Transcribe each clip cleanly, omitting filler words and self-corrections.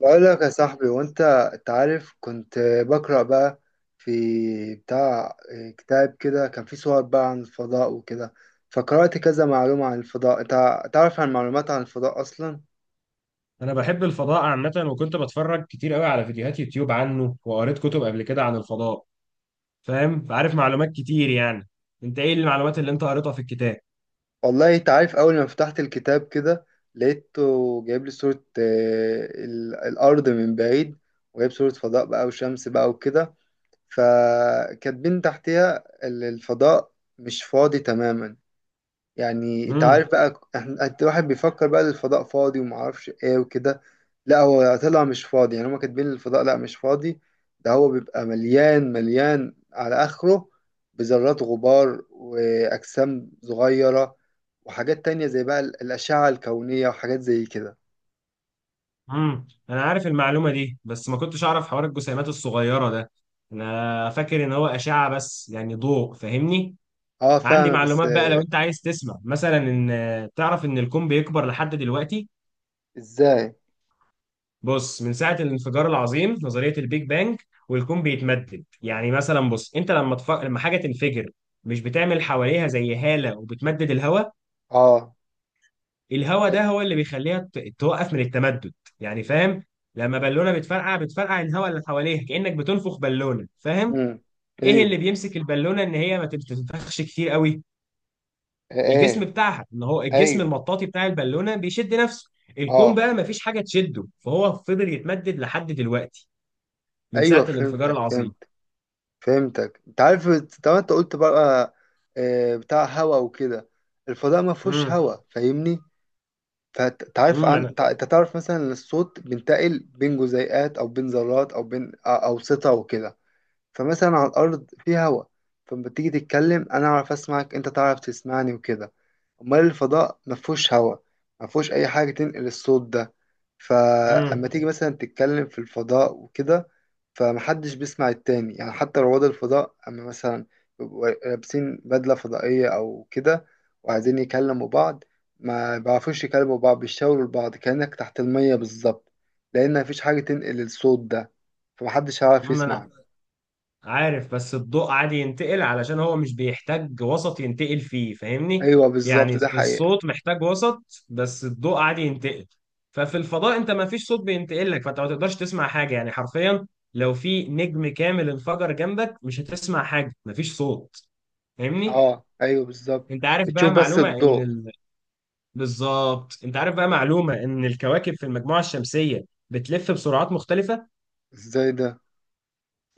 بقول لك يا صاحبي، وانت انت عارف كنت بقرأ بقى في بتاع كتاب كده، كان فيه صور بقى عن الفضاء وكده. فقرأت كذا معلومة عن الفضاء. انت تعرف عن معلومات عن الفضاء أصلا؟ انا بحب الفضاء عامه، وكنت بتفرج كتير قوي على فيديوهات يوتيوب عنه، وقريت كتب قبل كده عن الفضاء. فاهم، فعارف معلومات كتير يعني. انت ايه المعلومات اللي انت قريتها في الكتاب؟ والله انت عارف، أول ما فتحت الكتاب كده لقيته جايب لي صورة الأرض من بعيد، وجايب صورة فضاء بقى وشمس بقى وكده، فكاتبين تحتها الفضاء مش فاضي تماما. يعني انت امم عارف بقى، انت الواحد بيفكر بقى الفضاء فاضي وما اعرفش ايه وكده. لا، هو طلع مش فاضي يعني، هما كاتبين الفضاء لا مش فاضي. ده هو بيبقى مليان مليان على اخره بذرات غبار واجسام صغيرة، وحاجات تانية زي بقى الاشعة الكونية وحاجات زي كده. انا عارف المعلومه دي، بس ما كنتش اعرف حوار الجسيمات الصغيره ده. انا فاكر ان هو اشعه بس، يعني ضوء، فاهمني. اه عندي فاهمك بس. معلومات بقى لو انت عايز تسمع، مثلا ان تعرف ان الكون بيكبر لحد دلوقتي. ازاي؟ بص، من ساعة الانفجار العظيم، نظرية البيج بانج، والكون بيتمدد. يعني مثلا، بص انت لما حاجة تنفجر، مش بتعمل حواليها زي هالة وبتمدد الهواء؟ اه الهواء ايوه. ده هو اللي توقف من التمدد. يعني فاهم؟ لما بالونة بتفرقع، بتفرقع الهواء اللي حواليها، كأنك بتنفخ بالونة، فاهم؟ مم. ايه ايوه. اللي بيمسك البالونة ان هي ما تنفخش كتير قوي؟ الجسم ايه. بتاعها، ان هو الجسم ايوه. المطاطي بتاع البالونة، بيشد نفسه. الكون اه بقى مفيش حاجة تشده، فهو فضل يتمدد لحد دلوقتي، من ايوه ساعة الانفجار فهمتك العظيم. فهمت. فهمتك، انت عارف. طبعا انت قلت بقى بتاع هوا وكده. الفضاء ما فيهوش امم هوا فاهمني. فانت عارف امم انا عن انت تعرف مثلا ان الصوت بينتقل بين جزيئات او بين ذرات او بين اوسطة وكده. فمثلا على الأرض في هوا، فلما تيجي تتكلم أنا أعرف أسمعك، أنت تعرف تسمعني وكده. أمال الفضاء مفهوش هوا، مفهوش أي حاجة تنقل الصوت ده. امم فأما تيجي مثلا تتكلم في الفضاء وكده فمحدش بيسمع التاني، يعني حتى رواد الفضاء أما مثلا يبقوا لابسين بدلة فضائية أو كده وعايزين يكلموا بعض، ما بيعرفوش يكلموا بعض، بيشاوروا لبعض كأنك تحت المية بالظبط، لأن مفيش حاجة تنقل الصوت ده فمحدش هيعرف انا يسمع. عارف، بس الضوء عادي ينتقل علشان هو مش بيحتاج وسط ينتقل فيه، فاهمني. ايوه يعني بالظبط، ده حقيقة. الصوت محتاج وسط، بس الضوء عادي ينتقل. ففي الفضاء انت ما فيش صوت بينتقل لك، فانت ما تقدرش تسمع حاجة، يعني حرفيا. لو في نجم كامل انفجر جنبك، مش هتسمع حاجة، ما فيش صوت، فاهمني. اه ايوه بالظبط. انت عارف بقى بتشوف بس معلومة الضوء. بالظبط، انت عارف بقى معلومة ان الكواكب في المجموعة الشمسية بتلف بسرعات مختلفة. ازاي ده؟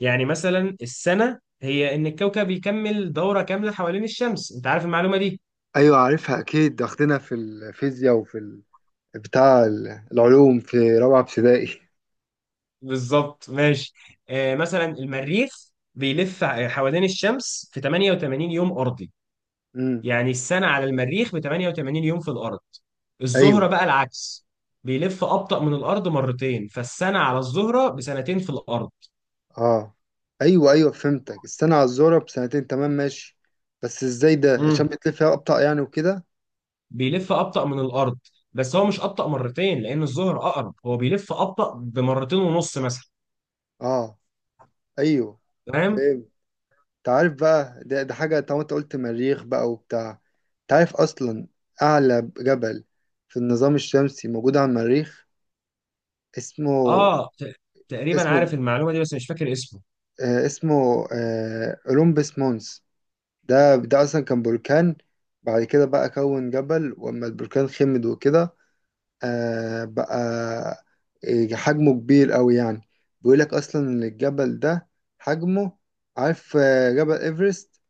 يعني مثلا، السنة هي إن الكوكب يكمل دورة كاملة حوالين الشمس، أنت عارف المعلومة دي. ايوه عارفها اكيد، ده واخدينها في الفيزياء وفي العلوم في رابعة ابتدائي. بالظبط، ماشي. آه، مثلا المريخ حوالين الشمس في 88 يوم أرضي. امم. يعني السنة على المريخ ب 88 يوم في الأرض. الزهرة ايوه. بقى العكس، بيلف أبطأ من الأرض مرتين، فالسنة على الزهرة بسنتين في الأرض. اه ايوه ايوه فهمتك، السنة على الزهرة بسنتين، تمام ماشي. بس ازاي ده؟ عشان امم بتلف فيها ابطأ يعني وكده. بيلف أبطأ من الأرض، بس هو مش أبطأ مرتين لأن الزهر أقرب، هو بيلف أبطأ بمرتين ونص مثلا. اه ايوه فاهم؟ فهمت. انت عارف بقى ده حاجة، طالما انت قلت مريخ بقى وبتاع. انت عارف اصلا اعلى جبل في النظام الشمسي موجود على المريخ؟ اسمه اه، تقريبا اسمه عارف المعلومه دي، بس مش فاكر اسمه. اسمه اولمبس مونس. ده اصلا كان بركان، بعد كده بقى كون جبل واما البركان خمد وكده. آه بقى، حجمه كبير قوي يعني. بيقولك اصلا ان الجبل ده حجمه، عارف جبل ايفرست؟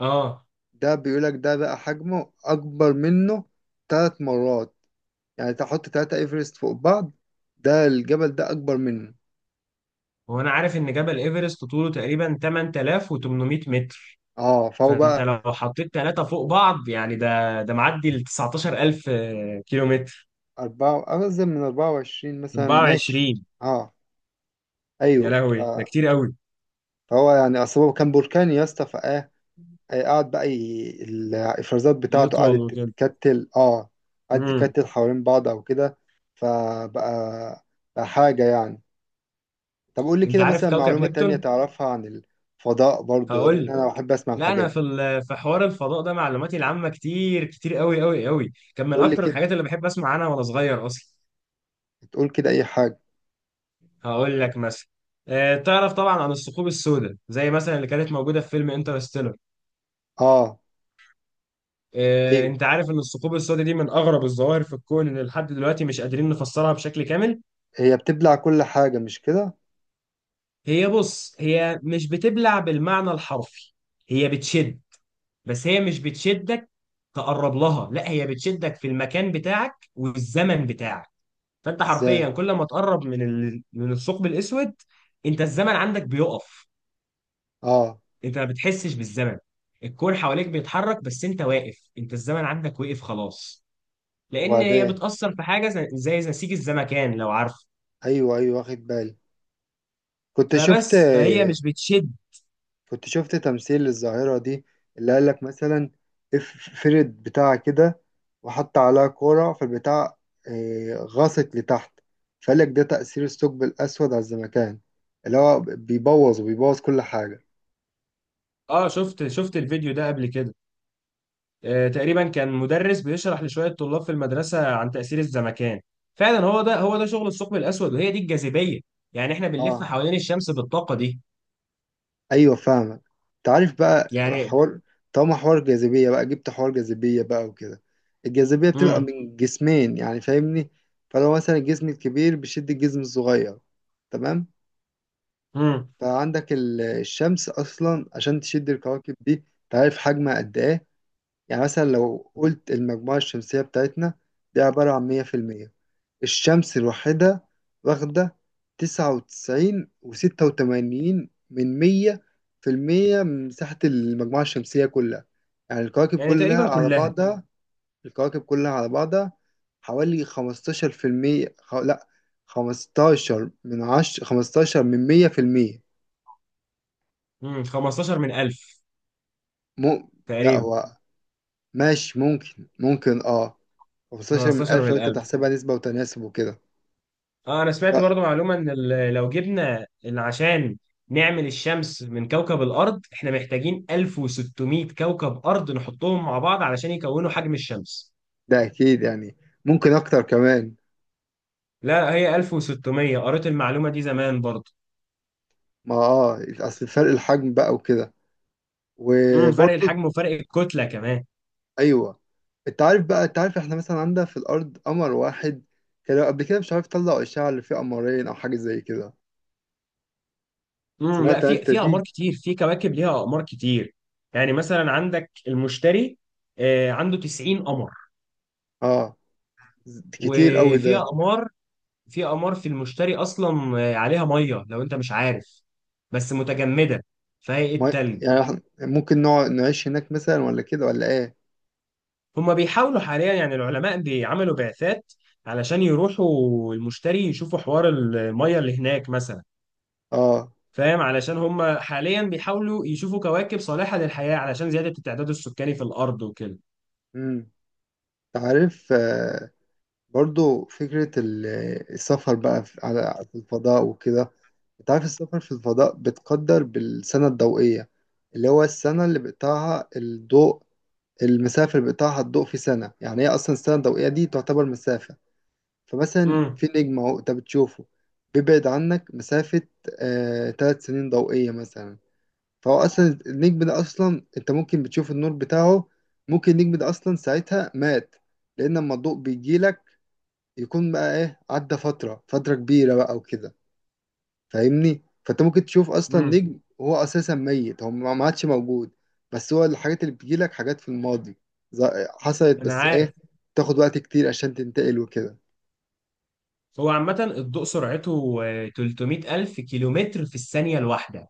اه، ده بيقولك ده بقى حجمه أكبر منه 3 مرات. يعني تحط 3 إيفرست فوق بعض، ده الجبل ده أكبر منه. هو انا عارف ان جبل ايفرست طوله تقريبا 8800 متر، اه فهو فانت بقى. لو حطيت ثلاثه فوق بعض، يعني ده معدي ال 19000 كيلو متر. أربعة أرزم من 24 مثلا، ماشي. 24. اه يا أيوه لهوي، ده كتير قوي. فهو يعني، أصل هو كان بركان يا اسطى فإيه، قعد بقى الإفرازات بتاعته يطول قعدت وكده. تتكتل اه قعدت امم تتكتل حوالين بعض أو كده، فبقى حاجة يعني. طب قول لي انت كده عارف مثلا كوكب معلومة تانية نبتون؟ تعرفها عن الفضاء برضو، هقول لأن لك. أنا بحب أسمع لا، الحاجات انا دي. في حوار الفضاء ده معلوماتي العامه كتير كتير قوي قوي قوي، كان من قول لي اكتر كده، الحاجات اللي بحب اسمع عنها وانا صغير اصلا. تقول كده أي حاجة. هقول لك مثلا. تعرف طبعا عن الثقوب السوداء، زي مثلا اللي كانت موجوده في فيلم انترستيلر. آه أيوه. انت عارف ان الثقوب السوداء دي من اغرب الظواهر في الكون، اللي لحد دلوقتي مش قادرين نفسرها بشكل كامل. هي بتبلع كل حاجة مش كده؟ هي، بص، هي مش بتبلع بالمعنى الحرفي، هي بتشد. بس هي مش بتشدك تقرب لها، لا، هي بتشدك في المكان بتاعك والزمن بتاعك. فانت حرفيا إزاي؟ كل ما تقرب من الثقب الاسود، انت الزمن عندك بيقف. آه. انت ما بتحسش بالزمن، الكون حواليك بيتحرك بس انت واقف، انت الزمن عندك وقف خلاص، لان هي وبعدين؟ بتأثر في حاجة زي نسيج الزمكان، لو عارف. أيوه أيوه واخد بالي. كنت شفت فبس، فهي مش بتشد. كنت شفت تمثيل للظاهرة دي، اللي قال لك مثلا فرد بتاع كده وحط عليها كورة فالبتاع، غاصت لتحت، فقال لك ده تأثير الثقب الأسود على الزمكان، اللي هو بيبوظ وبيبوظ كل حاجة. اه، شفت الفيديو ده قبل كده. تقريبا كان مدرس بيشرح لشوية طلاب في المدرسة عن تأثير الزمكان. فعلا، هو ده، هو ده شغل الثقب الأسود، وهي دي الجاذبية. يعني احنا بنلف اه حوالين الشمس بالطاقة دي. ايوه فاهمك. انت عارف بقى يعني حوار، طالما حوار جاذبية بقى، جبت حوار جاذبية بقى وكده. الجاذبية بتبقى امم من جسمين يعني فاهمني. فلو مثلا الجسم الكبير بيشد الجسم الصغير، تمام. امم فعندك الشمس اصلا عشان تشد الكواكب دي، انت عارف حجمها قد ايه؟ يعني مثلا لو قلت المجموعة الشمسية بتاعتنا دي عبارة عن 100%، الشمس الوحيدة واخدة تسعة وتسعين وستة وتمانين من مية في المية من مساحة المجموعة الشمسية كلها. يعني الكواكب يعني كلها تقريبا على كلها. بعضها، الكواكب كلها على بعضها حوالي 15%. لأ، 15%. 15 من 1000 م... لأ تقريبا. هو، ماشي ممكن اه خمستاشر من 15 ألف لو من أنت 1000. بتحسبها نسبة وتناسب وكده. اه، انا سمعت لأ برضو معلومة ان لو جبنا عشان نعمل الشمس من كوكب الارض، احنا محتاجين 1600 كوكب ارض نحطهم مع بعض علشان يكونوا حجم الشمس. ده أكيد يعني، ممكن أكتر كمان. لا، هي 1600، قريت المعلومة دي زمان برضو. ما اه اصل فرق الحجم بقى وكده فرق وبرضه. الحجم وفرق الكتلة كمان. ايوه. انت عارف احنا مثلا عندنا في الارض قمر واحد، كانوا قبل كده مش عارف طلعوا اشعه اللي فيه قمرين او حاجه زي كده، لا، سمعت في انت في اقمار دي؟ كتير، في كواكب ليها اقمار كتير. يعني مثلا عندك المشتري، عنده 90 قمر. اه كتير قوي وفي ده. اقمار، في أمار في المشتري أصلا، عليها مية لو أنت مش عارف، بس متجمدة، فهي إيه ما التلج. يعني إحنا ممكن نقعد نعيش هناك مثلا ولا كده ولا ايه؟ هما بيحاولوا حاليا، يعني العلماء بيعملوا بعثات علشان يروحوا المشتري يشوفوا حوار المية اللي هناك مثلا، اه فاهم؟ علشان هما حاليا بيحاولوا يشوفوا كواكب صالحة للحياة علشان زيادة التعداد السكاني في الأرض وكده. امم. انت عارف برضو فكرة السفر بقى في الفضاء وكده. انت عارف السفر في الفضاء بتقدر بالسنة الضوئية، اللي هو السنة اللي بيقطعها الضوء، المسافة اللي بيقطعها الضوء في سنة، يعني هي أصلا السنة الضوئية دي تعتبر مسافة. فمثلا امم في نجم أهو أنت بتشوفه، بيبعد عنك مسافة 3 سنين ضوئية مثلا، فهو أصلا النجم ده أصلا أنت ممكن بتشوف النور بتاعه، ممكن النجم ده أصلا ساعتها مات، لأن لما الضوء بيجيلك يكون بقى ايه، عدى فترة كبيرة بقى وكده فاهمني. فانت ممكن تشوف اصلا امم نجم هو اساسا ميت، هو ما عادش موجود. بس هو الحاجات اللي بتجيلك حاجات في الماضي، ز- حصلت أنا بس عارف. ايه، تاخد وقت كتير عشان تنتقل وكده. هو عامة الضوء سرعته 300 ألف كيلومتر في الثانية الواحدة،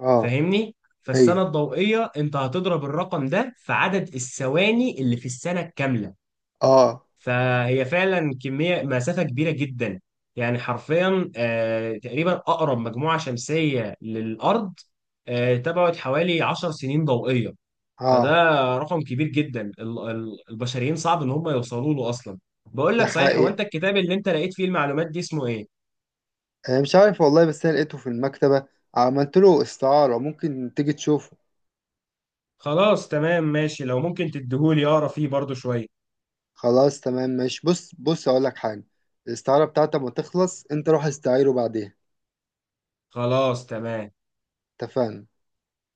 اه فاهمني. فالسنة ايوه. الضوئية انت هتضرب الرقم ده في عدد الثواني اللي في السنة الكاملة، اه فهي فعلا كمية مسافة كبيرة جدا. يعني حرفيا تقريبا أقرب مجموعة شمسية للأرض تبعد حوالي 10 سنين ضوئية. فده اه. رقم كبير جدا، البشريين صعب ان هم يوصلوا له اصلا. بقول ده لك صحيح، هو حقيقي. انت الكتاب اللي انت لقيت فيه المعلومات دي اسمه ايه؟ انا مش عارف والله، بس انا لقيته في المكتبة، عملت له استعارة، ممكن تيجي تشوفه. خلاص تمام ماشي، لو ممكن تديهولي اقرا فيه برضو شوية. خلاص تمام ماشي، بص بص اقول لك حاجة، الاستعارة بتاعتك ما تخلص انت روح استعيره بعديها. خلاص تمام. اتفقنا.